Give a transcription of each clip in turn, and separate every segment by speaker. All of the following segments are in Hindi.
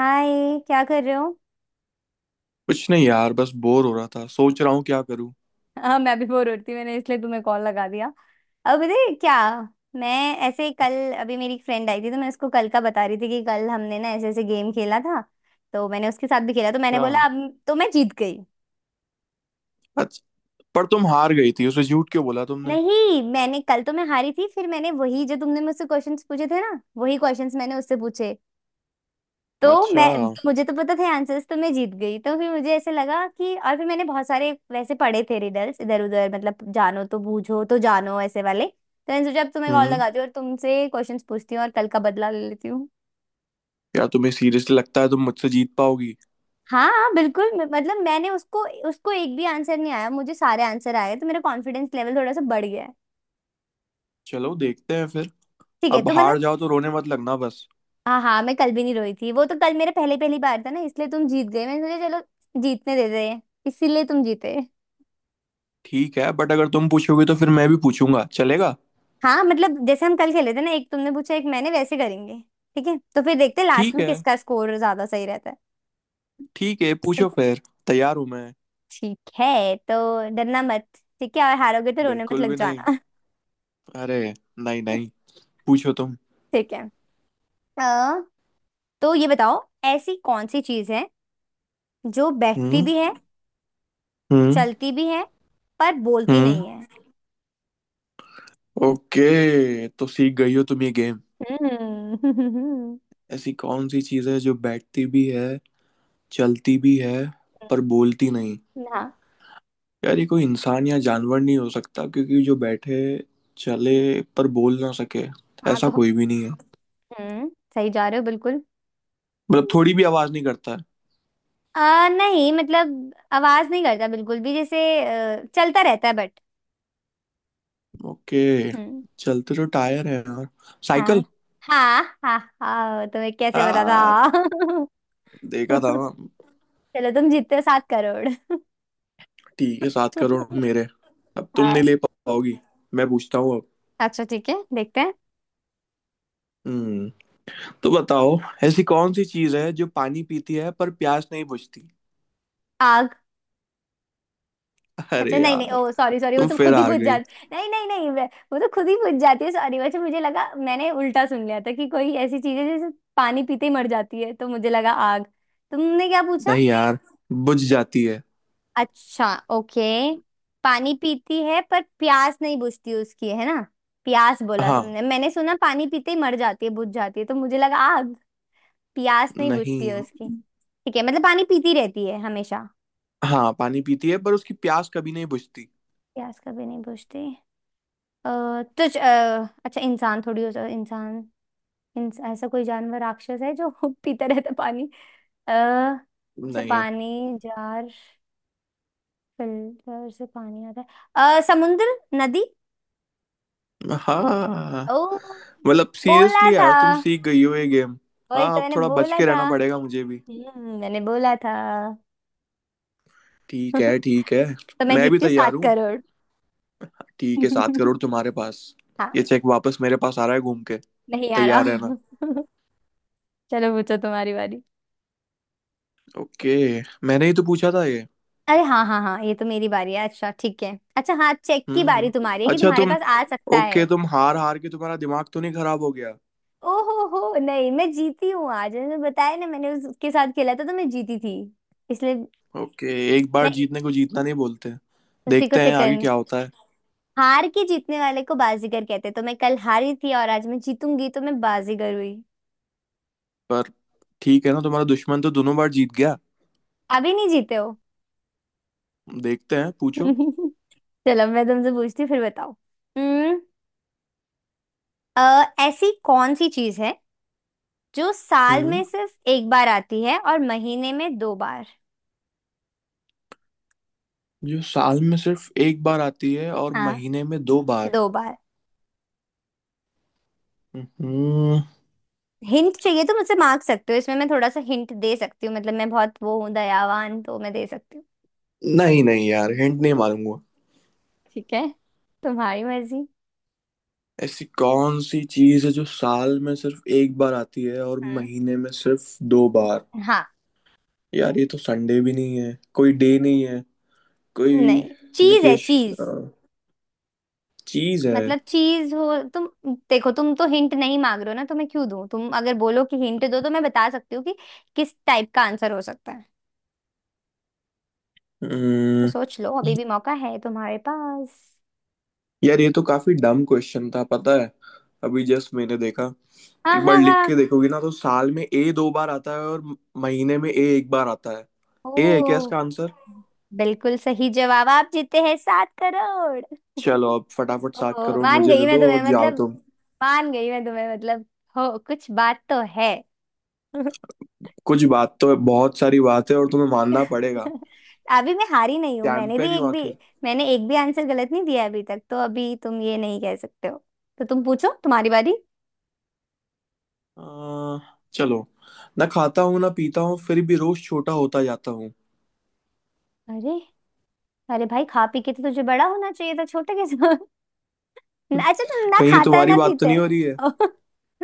Speaker 1: हाय। क्या कर रहे हो।
Speaker 2: कुछ नहीं यार। बस बोर हो रहा था। सोच रहा हूँ क्या करूँ।
Speaker 1: हाँ, मैं भी बोर हो रही थी मैंने इसलिए तुम्हें कॉल लगा दिया। अब पता है क्या। मैं ऐसे ही कल। अभी मेरी एक फ्रेंड आई थी तो मैं उसको कल का बता रही थी कि कल हमने ना ऐसे ऐसे गेम खेला था। तो मैंने उसके साथ भी खेला तो मैंने
Speaker 2: क्या।
Speaker 1: बोला अब तो मैं जीत गई।
Speaker 2: अच्छा। पर तुम हार गई थी, उसे झूठ क्यों बोला तुमने?
Speaker 1: नहीं, मैंने कल तो मैं हारी थी फिर मैंने वही जो तुमने मुझसे क्वेश्चंस पूछे थे ना वही क्वेश्चंस मैंने उससे पूछे। तो
Speaker 2: अच्छा।
Speaker 1: मैं मुझे तो पता थे आंसर्स तो मैं जीत गई तो फिर मुझे ऐसे लगा कि और फिर मैंने बहुत सारे वैसे पढ़े थे रिडल्स इधर उधर मतलब जानो तो बूझो तो जानो ऐसे वाले तो मैंने सोचा अब तुम्हें कॉल
Speaker 2: हम्म।
Speaker 1: लगाती हूँ और तुमसे क्वेश्चंस पूछती हूँ और कल का बदला ले लेती हूँ।
Speaker 2: क्या तुम्हें सीरियसली लगता है तुम मुझसे जीत पाओगी?
Speaker 1: हाँ हाँ, बिल्कुल मतलब मैंने उसको उसको एक भी आंसर नहीं आया मुझे सारे आंसर आए तो मेरा कॉन्फिडेंस लेवल थोड़ा सा बढ़ गया है।
Speaker 2: चलो देखते हैं फिर।
Speaker 1: ठीक है
Speaker 2: अब
Speaker 1: तो मतलब।
Speaker 2: हार जाओ तो रोने मत लगना बस।
Speaker 1: हाँ हाँ, मैं कल भी नहीं रोई थी वो तो कल मेरा पहले पहली बार था ना इसलिए तुम जीत गए मैंने सोचा चलो जीतने देते हैं इसीलिए तुम जीते।
Speaker 2: ठीक है, बट अगर तुम पूछोगी तो फिर मैं भी पूछूंगा, चलेगा?
Speaker 1: हाँ मतलब जैसे हम कल खेले थे ना एक तुमने पूछा एक मैंने वैसे करेंगे। ठीक है तो फिर देखते हैं लास्ट
Speaker 2: ठीक
Speaker 1: में
Speaker 2: है।
Speaker 1: किसका स्कोर ज्यादा सही रहता है।
Speaker 2: ठीक है
Speaker 1: ठीक
Speaker 2: पूछो
Speaker 1: है।
Speaker 2: फिर। तैयार हूं मैं।
Speaker 1: ठीक है, तो डरना मत। ठीक है और हारोगे तो रोने मत
Speaker 2: बिल्कुल
Speaker 1: लग
Speaker 2: भी नहीं।
Speaker 1: जाना।
Speaker 2: अरे। नहीं नहीं। पूछो तुम।
Speaker 1: ठीक है। अ, तो ये बताओ ऐसी कौन सी चीज है जो बैठती
Speaker 2: हम्म।
Speaker 1: भी है
Speaker 2: हम्म।
Speaker 1: चलती भी है पर बोलती
Speaker 2: हम्म।
Speaker 1: नहीं है।
Speaker 2: ओके तो सीख गई हो तुम ये गेम।
Speaker 1: हम्म।
Speaker 2: ऐसी कौन सी चीज़ है जो बैठती भी है, चलती भी है, पर बोलती नहीं?
Speaker 1: हाँ
Speaker 2: यार ये कोई इंसान या जानवर नहीं हो सकता, क्योंकि जो बैठे, चले, पर बोल ना सके
Speaker 1: हाँ।
Speaker 2: ऐसा
Speaker 1: तो
Speaker 2: कोई भी नहीं है।
Speaker 1: हम्म सही जा रहे हो बिल्कुल।
Speaker 2: मतलब थोड़ी भी आवाज़ नहीं करता है?
Speaker 1: नहीं मतलब आवाज नहीं करता बिल्कुल भी, जैसे चलता रहता है बट।
Speaker 2: ओके।
Speaker 1: हम्म।
Speaker 2: चलते तो टायर है यार।
Speaker 1: हाँ
Speaker 2: साइकिल।
Speaker 1: हाँ हाँ हाँ, तुम्हें कैसे पता
Speaker 2: आ
Speaker 1: था।
Speaker 2: देखा था ना।
Speaker 1: चलो तुम जीतते हो 7 करोड़।
Speaker 2: ठीक है, 7 करोड़ मेरे। अब तुम नहीं
Speaker 1: हाँ।
Speaker 2: ले पाओगी। मैं पूछता हूँ अब।
Speaker 1: अच्छा ठीक है, देखते हैं।
Speaker 2: हम्म। तो बताओ। ऐसी कौन सी चीज है जो पानी पीती है पर प्यास नहीं बुझती?
Speaker 1: आग।
Speaker 2: अरे
Speaker 1: अच्छा नहीं नहीं,
Speaker 2: यार।
Speaker 1: ओ सॉरी सॉरी, वो
Speaker 2: तुम
Speaker 1: तो
Speaker 2: फिर
Speaker 1: खुद ही
Speaker 2: हार
Speaker 1: बुझ
Speaker 2: गई।
Speaker 1: जाती, नहीं नहीं नहीं, वो तो खुद ही बुझ जाती है, सॉरी। अच्छा मुझे लगा मैंने उल्टा सुन लिया था कि कोई ऐसी चीज है जैसे पानी पीते ही मर जाती है तो मुझे लगा आग। तुमने क्या पूछा।
Speaker 2: नहीं यार। बुझ जाती है।
Speaker 1: अच्छा। ओके। पानी पीती है पर प्यास नहीं बुझती उसकी, है ना। प्यास बोला
Speaker 2: हाँ।
Speaker 1: तुमने, मैंने सुना पानी पीते ही मर जाती है, बुझ जाती है तो मुझे लगा आग। प्यास नहीं बुझती है
Speaker 2: नहीं।
Speaker 1: उसकी। ठीक है, मतलब पानी पीती रहती है हमेशा।
Speaker 2: हाँ, पानी पीती है पर उसकी प्यास कभी नहीं बुझती।
Speaker 1: प्यास कभी नहीं बुझती। अ, तो अच्छा इंसान थोड़ी हो सकता, इंसान। ऐसा कोई जानवर राक्षस है जो पीता रहता पानी। अच्छा
Speaker 2: नहीं।
Speaker 1: पानी जार। फिल्टर से पानी आता है। समुद्र, नदी।
Speaker 2: हाँ।
Speaker 1: ओ।
Speaker 2: मतलब
Speaker 1: बोला
Speaker 2: सीरियसली यार
Speaker 1: था।
Speaker 2: तुम सीख गई हो ये गेम।
Speaker 1: वही
Speaker 2: हाँ
Speaker 1: तो
Speaker 2: अब
Speaker 1: मैंने
Speaker 2: थोड़ा बच
Speaker 1: बोला
Speaker 2: के
Speaker 1: था।
Speaker 2: रहना पड़ेगा मुझे भी।
Speaker 1: हम्म, मैंने बोला था।
Speaker 2: ठीक है। ठीक है।
Speaker 1: तो मैं
Speaker 2: मैं भी
Speaker 1: जीतती हूँ
Speaker 2: तैयार
Speaker 1: सात
Speaker 2: हूँ।
Speaker 1: करोड़
Speaker 2: ठीक है, 7 करोड़ तुम्हारे पास।
Speaker 1: हाँ।
Speaker 2: ये चेक वापस मेरे पास आ रहा है घूम के।
Speaker 1: नहीं आ रहा।
Speaker 2: तैयार रहना।
Speaker 1: चलो पूछो तुम्हारी बारी।
Speaker 2: ओके। मैंने ही तो पूछा था ये।
Speaker 1: अरे हाँ हाँ हाँ, ये तो मेरी बारी है, अच्छा ठीक है, अच्छा हाँ चेक की
Speaker 2: हम्म।
Speaker 1: बारी तुम्हारी है कि
Speaker 2: अच्छा
Speaker 1: तुम्हारे
Speaker 2: तुम।
Speaker 1: पास आ सकता
Speaker 2: ओके,
Speaker 1: है।
Speaker 2: तुम हार हार के तुम्हारा दिमाग तो नहीं खराब हो गया?
Speaker 1: ओहो हो नहीं, मैं जीती हूँ आज, मैंने बताया ना मैंने उसके साथ खेला था तो मैं जीती थी इसलिए।
Speaker 2: ओके। एक बार
Speaker 1: नहीं।
Speaker 2: जीतने को जीतना नहीं बोलते।
Speaker 1: उसी को
Speaker 2: देखते हैं आगे
Speaker 1: सेकंड,
Speaker 2: क्या होता है।
Speaker 1: हार के जीतने वाले को बाजीगर कहते हैं, तो मैं कल हारी थी और आज मैं जीतूंगी तो मैं बाजीगर हुई।
Speaker 2: पर ठीक है ना, तुम्हारा दुश्मन तो दोनों बार जीत गया।
Speaker 1: अभी नहीं जीते हो।
Speaker 2: देखते हैं पूछो।
Speaker 1: चलो मैं तुमसे पूछती हूँ, फिर बताओ। हम्म। ऐसी कौन सी चीज है जो साल में
Speaker 2: हम्म।
Speaker 1: सिर्फ एक बार आती है और महीने में दो बार।
Speaker 2: जो साल में सिर्फ एक बार आती है और
Speaker 1: हाँ,
Speaker 2: महीने में दो बार।
Speaker 1: दो बार।
Speaker 2: हम्म।
Speaker 1: हिंट चाहिए तो मुझसे मांग सकते हो, इसमें मैं थोड़ा सा हिंट दे सकती हूँ, मतलब मैं बहुत वो हूँ दयावान, तो मैं दे सकती हूँ।
Speaker 2: नहीं नहीं यार, हिंट नहीं मारूंगा।
Speaker 1: ठीक है, तुम्हारी मर्जी।
Speaker 2: ऐसी कौन सी चीज है जो साल में सिर्फ एक बार आती है और
Speaker 1: हम्म।
Speaker 2: महीने में सिर्फ दो बार?
Speaker 1: हाँ।
Speaker 2: यार ये तो संडे भी नहीं है, कोई डे नहीं है, कोई।
Speaker 1: नहीं, चीज है,
Speaker 2: विकेश।
Speaker 1: चीज।
Speaker 2: चीज है।
Speaker 1: मतलब चीज हो तुम। देखो तुम तो हिंट नहीं मांग रहे हो ना, तो मैं क्यों दूं, तुम अगर बोलो कि हिंट दो तो मैं बता सकती हूँ कि किस टाइप का आंसर हो सकता है। तो
Speaker 2: हम्म,
Speaker 1: सोच लो, अभी भी मौका है तुम्हारे पास।
Speaker 2: यार ये तो काफी डम क्वेश्चन था पता है। अभी जस्ट मैंने देखा।
Speaker 1: हाँ
Speaker 2: एक बार
Speaker 1: हाँ
Speaker 2: लिख
Speaker 1: हाँ।
Speaker 2: के देखोगे ना तो साल में ए दो बार आता है और महीने में ए एक बार आता है। ए है क्या
Speaker 1: ओ
Speaker 2: इसका आंसर?
Speaker 1: बिल्कुल सही जवाब, आप जीते हैं 7 करोड़।
Speaker 2: चलो अब फटाफट सात
Speaker 1: ओ
Speaker 2: करोड़
Speaker 1: मान
Speaker 2: मुझे
Speaker 1: गई
Speaker 2: दे
Speaker 1: मैं
Speaker 2: दो
Speaker 1: तुम्हें
Speaker 2: और जाओ
Speaker 1: मतलब,
Speaker 2: तुम।
Speaker 1: मान गई मैं तुम्हें मतलब, हो कुछ बात तो है।
Speaker 2: कुछ बात तो है, बहुत सारी बात है और तुम्हें मानना पड़ेगा।
Speaker 1: अभी मैं हारी नहीं हूं, मैंने भी
Speaker 2: चैंपियन हूँ
Speaker 1: एक भी,
Speaker 2: आखिर।
Speaker 1: मैंने एक भी आंसर गलत नहीं दिया अभी तक, तो अभी तुम ये नहीं कह सकते हो। तो तुम पूछो, तुम्हारी बारी।
Speaker 2: अह, चलो। ना खाता हूँ ना पीता हूँ फिर भी रोज छोटा होता जाता हूँ।
Speaker 1: अरे, अरे भाई खा पी के तो तुझे बड़ा होना चाहिए था, छोटे कैसे हो? अच्छा तुम ना
Speaker 2: कहीं ये
Speaker 1: खाता है
Speaker 2: तुम्हारी
Speaker 1: ना
Speaker 2: बात तो
Speaker 1: पीते
Speaker 2: नहीं हो रही
Speaker 1: है।
Speaker 2: है?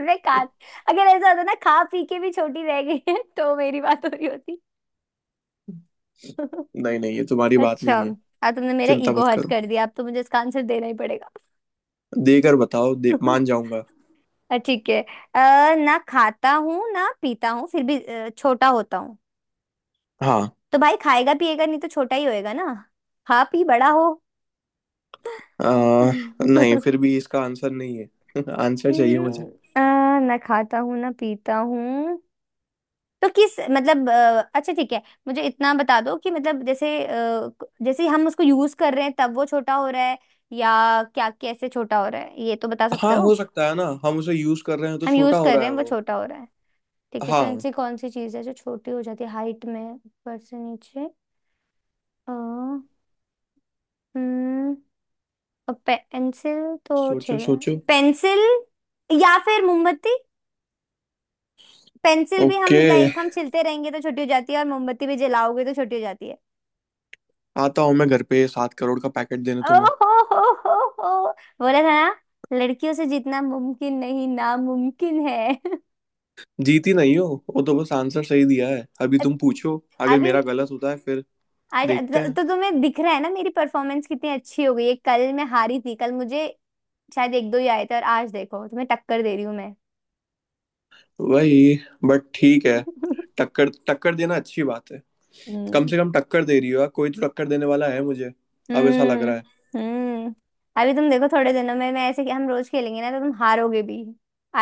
Speaker 1: मैं खा। अगर ऐसा होता ना, खा पी के भी छोटी रह गई है तो मेरी बात हो रही होती।
Speaker 2: नहीं नहीं, ये तुम्हारी बात
Speaker 1: अच्छा।
Speaker 2: नहीं है।
Speaker 1: अब तुमने मेरा
Speaker 2: चिंता
Speaker 1: ईगो
Speaker 2: मत
Speaker 1: हर्ट
Speaker 2: करो।
Speaker 1: कर दिया, अब तो मुझे इसका आंसर देना ही पड़ेगा।
Speaker 2: देकर बताओ, दे, मान जाऊंगा।
Speaker 1: ठीक है। ना खाता हूँ ना पीता हूँ फिर भी छोटा होता हूँ।
Speaker 2: हाँ।
Speaker 1: तो भाई खाएगा पिएगा नहीं तो छोटा ही होएगा ना, खा पी बड़ा हो।
Speaker 2: अ,
Speaker 1: हम्म,
Speaker 2: नहीं, फिर भी इसका आंसर नहीं है। आंसर चाहिए मुझे।
Speaker 1: अ, ना खाता हूँ ना पीता हूँ, तो किस मतलब, अच्छा ठीक है, मुझे इतना बता दो कि मतलब जैसे जैसे हम उसको यूज कर रहे हैं तब वो छोटा हो रहा है, या क्या, कैसे छोटा हो रहा है, ये तो बता सकते
Speaker 2: हाँ
Speaker 1: हो।
Speaker 2: हो सकता है ना, हम उसे यूज कर रहे हैं तो
Speaker 1: हम
Speaker 2: छोटा
Speaker 1: यूज
Speaker 2: हो
Speaker 1: कर
Speaker 2: रहा
Speaker 1: रहे
Speaker 2: है
Speaker 1: हैं वो
Speaker 2: वो।
Speaker 1: छोटा हो रहा है, ठीक है, तो
Speaker 2: हाँ।
Speaker 1: ऐसी कौन सी चीज है जो छोटी हो जाती है हाइट में, ऊपर से नीचे। अ, हम्म और पेंसिल तो
Speaker 2: सोचो
Speaker 1: छिल
Speaker 2: सोचो।
Speaker 1: पेंसिल, या फिर मोमबत्ती। पेंसिल भी हम,
Speaker 2: ओके।
Speaker 1: लाइक, हम छिलते रहेंगे तो छोटी हो जाती है और मोमबत्ती भी जलाओगे तो छोटी हो जाती है।
Speaker 2: आता हूँ मैं घर पे 7 करोड़ का पैकेट देने तुम्हें।
Speaker 1: ओहो हो हो। बोला था ना लड़कियों से जितना मुमकिन नहीं नामुमकिन है।
Speaker 2: जीती नहीं हो। वो तो बस आंसर सही दिया है, अभी तुम पूछो अगर
Speaker 1: अभी,
Speaker 2: मेरा गलत होता है फिर
Speaker 1: आज
Speaker 2: देखते हैं।
Speaker 1: तो तुम्हें दिख रहा है ना मेरी परफॉर्मेंस कितनी अच्छी हो गई है, कल मैं हारी थी, कल मुझे शायद एक दो ही आए थे और आज देखो तुम्हें टक्कर दे रही हूँ मैं।
Speaker 2: वही, बट ठीक है। टक्कर टक्कर देना अच्छी बात है। कम
Speaker 1: हम्म
Speaker 2: से कम टक्कर दे रही हो यार, कोई तो टक्कर देने वाला है मुझे। अब ऐसा लग
Speaker 1: हम्म
Speaker 2: रहा है।
Speaker 1: हम्म। अभी तुम देखो थोड़े दिनों में मैं ऐसे, हम रोज खेलेंगे ना तो तुम हारोगे भी,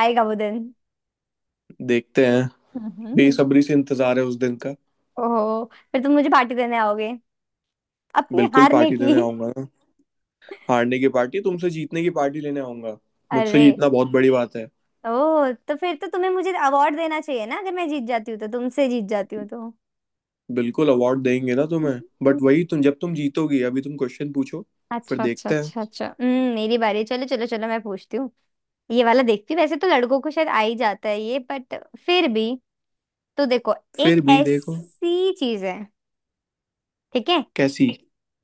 Speaker 1: आएगा वो दिन।
Speaker 2: देखते हैं।
Speaker 1: हम्म।
Speaker 2: बेसब्री से इंतजार है उस दिन का।
Speaker 1: ओहो, फिर तुम मुझे पार्टी देने आओगे अपने
Speaker 2: बिल्कुल
Speaker 1: हारने
Speaker 2: पार्टी देने
Speaker 1: की।
Speaker 2: आऊंगा ना। हारने की पार्टी, तुमसे जीतने की पार्टी लेने आऊंगा। मुझसे
Speaker 1: अरे,
Speaker 2: जीतना बहुत बड़ी बात है।
Speaker 1: ओ तो फिर तो तुम्हें मुझे अवार्ड देना चाहिए ना, अगर मैं जीत जाती हूँ, तो तुमसे जीत जाती हूँ तो।
Speaker 2: बिल्कुल अवार्ड देंगे ना तुम्हें,
Speaker 1: हम्म।
Speaker 2: बट वही, तुम जब तुम जीतोगी। अभी तुम क्वेश्चन पूछो। फिर
Speaker 1: अच्छा अच्छा
Speaker 2: देखते हैं।
Speaker 1: अच्छा अच्छा, मेरी बारी है। चलो चलो चलो, मैं पूछती हूँ। ये वाला देखती हूँ, वैसे तो लड़कों को शायद आ ही जाता है ये, बट फिर भी। तो देखो, एक
Speaker 2: फिर भी देखो।
Speaker 1: ऐसी चीज है, ठीक है,
Speaker 2: कैसी?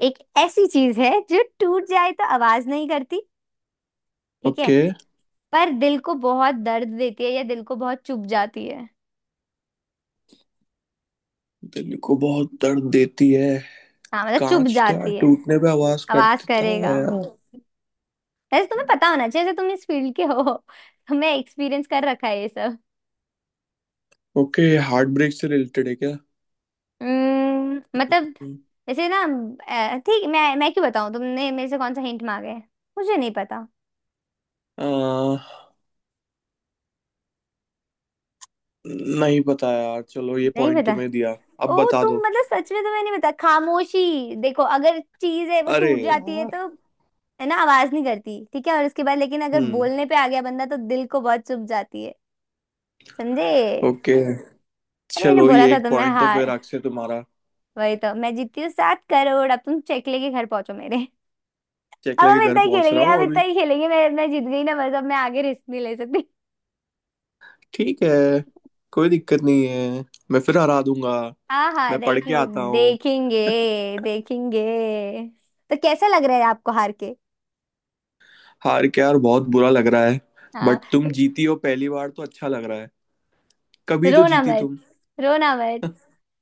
Speaker 1: एक ऐसी चीज है जो टूट जाए तो आवाज नहीं करती, ठीक है,
Speaker 2: ओके।
Speaker 1: पर दिल को बहुत दर्द देती है या दिल को बहुत चुभ जाती है।
Speaker 2: दिल को बहुत दर्द देती है।
Speaker 1: हाँ मतलब चुभ
Speaker 2: कांच तो यार
Speaker 1: जाती है।
Speaker 2: टूटने पे आवाज
Speaker 1: आवाज
Speaker 2: करता
Speaker 1: करेगा,
Speaker 2: है यार।
Speaker 1: वैसे तुम्हें पता होना चाहिए जैसे तुम इस फील्ड के हो, तुम्हें एक्सपीरियंस कर रखा है ये सब।
Speaker 2: ओके। हार्ट ब्रेक से रिलेटेड है क्या?
Speaker 1: मतलब जैसे ना, ठीक, मैं क्यों बताऊं, तुमने मेरे से कौन सा हिंट मांगा है, मुझे नहीं पता।
Speaker 2: आ, नहीं पता यार, चलो ये
Speaker 1: नहीं
Speaker 2: पॉइंट
Speaker 1: पता।
Speaker 2: तुम्हें दिया। अब
Speaker 1: ओ
Speaker 2: बता
Speaker 1: तुम
Speaker 2: दो।
Speaker 1: मतलब सच में तुम्हें नहीं पता, खामोशी। देखो अगर चीज है वो
Speaker 2: अरे
Speaker 1: टूट जाती है
Speaker 2: यार।
Speaker 1: तो, है ना, आवाज नहीं करती, ठीक है, और उसके बाद लेकिन अगर
Speaker 2: हम्म।
Speaker 1: बोलने पे आ गया बंदा तो दिल को बहुत चुभ जाती है, समझे।
Speaker 2: ओके।
Speaker 1: अरे मैंने
Speaker 2: चलो
Speaker 1: बोला
Speaker 2: ये
Speaker 1: था
Speaker 2: एक
Speaker 1: तुम्हें,
Speaker 2: पॉइंट तो फिर
Speaker 1: हार,
Speaker 2: अक्षय तुम्हारा।
Speaker 1: वही तो, मैं जीतती हूँ सात करोड़, अब तुम चेक लेके घर पहुंचो मेरे।
Speaker 2: चेक
Speaker 1: अब
Speaker 2: लेके
Speaker 1: हम
Speaker 2: घर
Speaker 1: इतना ही
Speaker 2: पहुंच
Speaker 1: खेलेंगे,
Speaker 2: रहा
Speaker 1: अब
Speaker 2: हूँ अभी।
Speaker 1: इतना ही खेलेंगे, मैं जीत गई ना बस, अब मैं आगे रिस्क नहीं ले सकती।
Speaker 2: ठीक है। कोई दिक्कत नहीं है। मैं फिर हरा दूंगा।
Speaker 1: हाँ हाँ,
Speaker 2: मैं पढ़ के
Speaker 1: देखेंगे,
Speaker 2: आता हूँ।
Speaker 1: देखेंगे, देखेंगे। तो कैसा लग रहा है आपको हार के।
Speaker 2: हार के यार बहुत बुरा लग रहा है।
Speaker 1: हाँ।
Speaker 2: बट तुम जीती हो पहली बार तो अच्छा लग रहा है। कभी तो
Speaker 1: रोना
Speaker 2: जीती
Speaker 1: मत,
Speaker 2: तुम।
Speaker 1: रोना मत,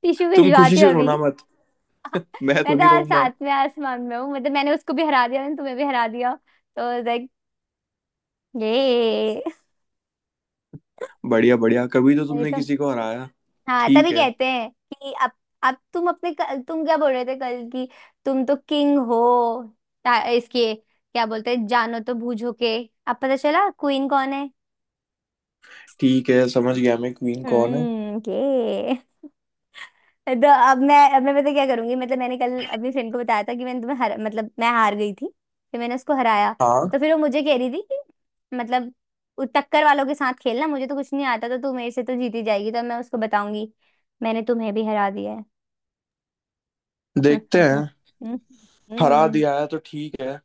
Speaker 1: टिश्यू
Speaker 2: तुम खुशी
Speaker 1: भिजवाती
Speaker 2: से
Speaker 1: हूँ अभी।
Speaker 2: रोना मत। मैं
Speaker 1: मैं
Speaker 2: तो
Speaker 1: तो
Speaker 2: नहीं
Speaker 1: आज
Speaker 2: रहूंगा।
Speaker 1: सातवें आसमान में हूँ, मतलब मैंने उसको भी हरा दिया, मैंने तुम्हें भी हरा दिया, तो लाइक ये।
Speaker 2: बढ़िया बढ़िया, कभी तो
Speaker 1: वही
Speaker 2: तुमने
Speaker 1: तो,
Speaker 2: किसी को हराया।
Speaker 1: हाँ
Speaker 2: ठीक
Speaker 1: तभी
Speaker 2: है।
Speaker 1: कहते हैं कि अब। अब तुम क्या बोल रहे थे कल की, तुम तो किंग हो, इसके क्या बोलते हैं, जानो तो बूझो के, अब पता चला क्वीन कौन है।
Speaker 2: ठीक है समझ गया मैं, क्वीन कौन है।
Speaker 1: हम्म। ये तो, अब मैं, पता क्या करूंगी, मतलब मैंने कल अपनी फ्रेंड को बताया था कि मैंने तुम्हें हर मतलब मैं हार गई थी, फिर मैंने उसको हराया।
Speaker 2: हाँ।
Speaker 1: तो फिर वो मुझे कह रही थी कि मतलब टक्कर वालों के साथ खेलना मुझे तो कुछ नहीं आता, तो तू मेरे से तो जीती जाएगी, तो मैं उसको बताऊंगी मैंने तुम्हें भी हरा दिया है।
Speaker 2: देखते हैं। हरा
Speaker 1: हम्म।
Speaker 2: दिया है तो ठीक है।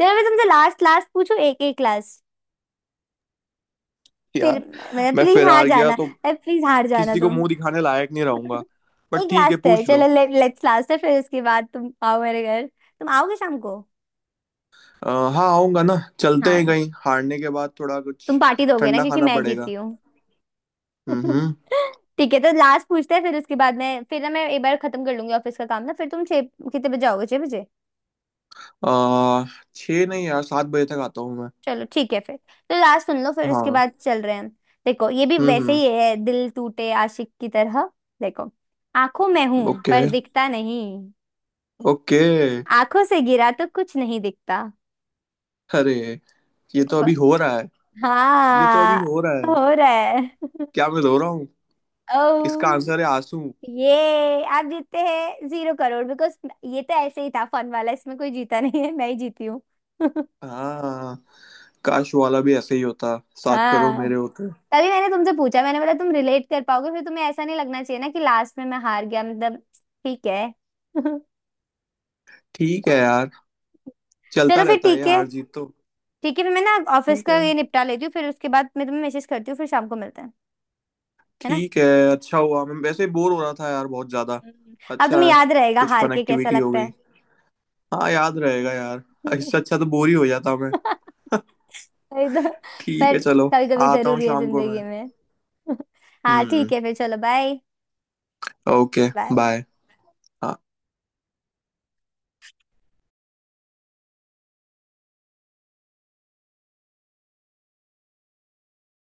Speaker 1: चलो मैं तुमसे लास्ट लास्ट पूछू एक एक क्लास। फिर
Speaker 2: यार
Speaker 1: मतलब
Speaker 2: मैं
Speaker 1: प्लीज
Speaker 2: फिर
Speaker 1: हार
Speaker 2: हार गया
Speaker 1: जाना,
Speaker 2: तो
Speaker 1: प्लीज हार जाना
Speaker 2: किसी को
Speaker 1: तुम।
Speaker 2: मुंह दिखाने लायक नहीं रहूंगा। बट
Speaker 1: एक
Speaker 2: ठीक है,
Speaker 1: लास्ट है,
Speaker 2: पूछ लो।
Speaker 1: चलो लेट्स, लास्ट है फिर उसके बाद तुम आओ मेरे घर। तुम आओगे शाम को।
Speaker 2: अ, हाँ आऊंगा ना। चलते हैं
Speaker 1: हाँ,
Speaker 2: कहीं, हारने के बाद थोड़ा कुछ
Speaker 1: तुम पार्टी दोगे ना,
Speaker 2: ठंडा
Speaker 1: क्योंकि
Speaker 2: खाना
Speaker 1: मैं
Speaker 2: पड़ेगा।
Speaker 1: जीती हूँ।
Speaker 2: हम्म।
Speaker 1: ठीक है तो लास्ट पूछते हैं, फिर उसके बाद मैं, फिर ना मैं एक बार खत्म कर लूंगी ऑफिस का काम ना, फिर तुम, छह कितने बजे आओगे, 6 बजे।
Speaker 2: आ 6 नहीं यार, 7 बजे तक आता हूँ मैं।
Speaker 1: चलो ठीक है फिर। तो लास्ट सुन लो, फिर उसके
Speaker 2: हाँ।
Speaker 1: बाद चल रहे हैं हम। देखो ये भी वैसे
Speaker 2: हम्म।
Speaker 1: ही है दिल टूटे आशिक की तरह। देखो, आंखों में हूं
Speaker 2: ओके।
Speaker 1: पर दिखता नहीं,
Speaker 2: ओके।
Speaker 1: आंखों से गिरा तो कुछ नहीं दिखता।
Speaker 2: अरे
Speaker 1: ये
Speaker 2: ये
Speaker 1: तो
Speaker 2: तो अभी
Speaker 1: ब-
Speaker 2: हो रहा है। ये तो
Speaker 1: हाँ,
Speaker 2: अभी हो रहा
Speaker 1: हो
Speaker 2: है।
Speaker 1: रहा है।
Speaker 2: क्या मैं रो रहा हूँ? इसका
Speaker 1: ओ,
Speaker 2: आंसर है आंसू।
Speaker 1: ये आप जीतते हैं 0 करोड़, बिकॉज ये तो ऐसे ही था फन वाला, इसमें कोई जीता नहीं है, मैं ही जीती हूँ।
Speaker 2: हाँ। काश वाला भी ऐसे ही होता। 7 करोड़
Speaker 1: हाँ,
Speaker 2: मेरे होते।
Speaker 1: तभी मैंने तुमसे पूछा, मैंने बोला तुम रिलेट कर पाओगे, फिर तुम्हें ऐसा नहीं लगना चाहिए ना कि लास्ट में मैं हार गया, मतलब ठीक है।
Speaker 2: ठीक है यार। चलता
Speaker 1: चलो फिर,
Speaker 2: रहता है ये
Speaker 1: ठीक है,
Speaker 2: हार जीत तो।
Speaker 1: ठीक है फिर मैं ना ऑफिस
Speaker 2: ठीक
Speaker 1: का
Speaker 2: है।
Speaker 1: ये निपटा लेती हूँ, फिर उसके बाद मैं तुम्हें मैसेज करती हूँ, फिर शाम को मिलते हैं, है ना।
Speaker 2: ठीक है। अच्छा हुआ, मैं वैसे ही बोर हो रहा था यार बहुत ज्यादा।
Speaker 1: हम्म। अब
Speaker 2: अच्छा
Speaker 1: तुम्हें
Speaker 2: है।
Speaker 1: याद रहेगा
Speaker 2: कुछ
Speaker 1: हार
Speaker 2: फन
Speaker 1: के कैसा
Speaker 2: एक्टिविटी हो
Speaker 1: लगता
Speaker 2: गई। हाँ याद रहेगा यार।
Speaker 1: है।
Speaker 2: इससे अच्छा तो बोर ही हो जाता मैं।
Speaker 1: वही तो,
Speaker 2: ठीक
Speaker 1: पर
Speaker 2: है चलो।
Speaker 1: कभी कभी
Speaker 2: आता हूँ
Speaker 1: जरूरी है
Speaker 2: शाम को मैं।
Speaker 1: जिंदगी में। हाँ
Speaker 2: हम्म।
Speaker 1: ठीक है फिर, चलो बाय,
Speaker 2: ओके।
Speaker 1: बाय।
Speaker 2: बाय।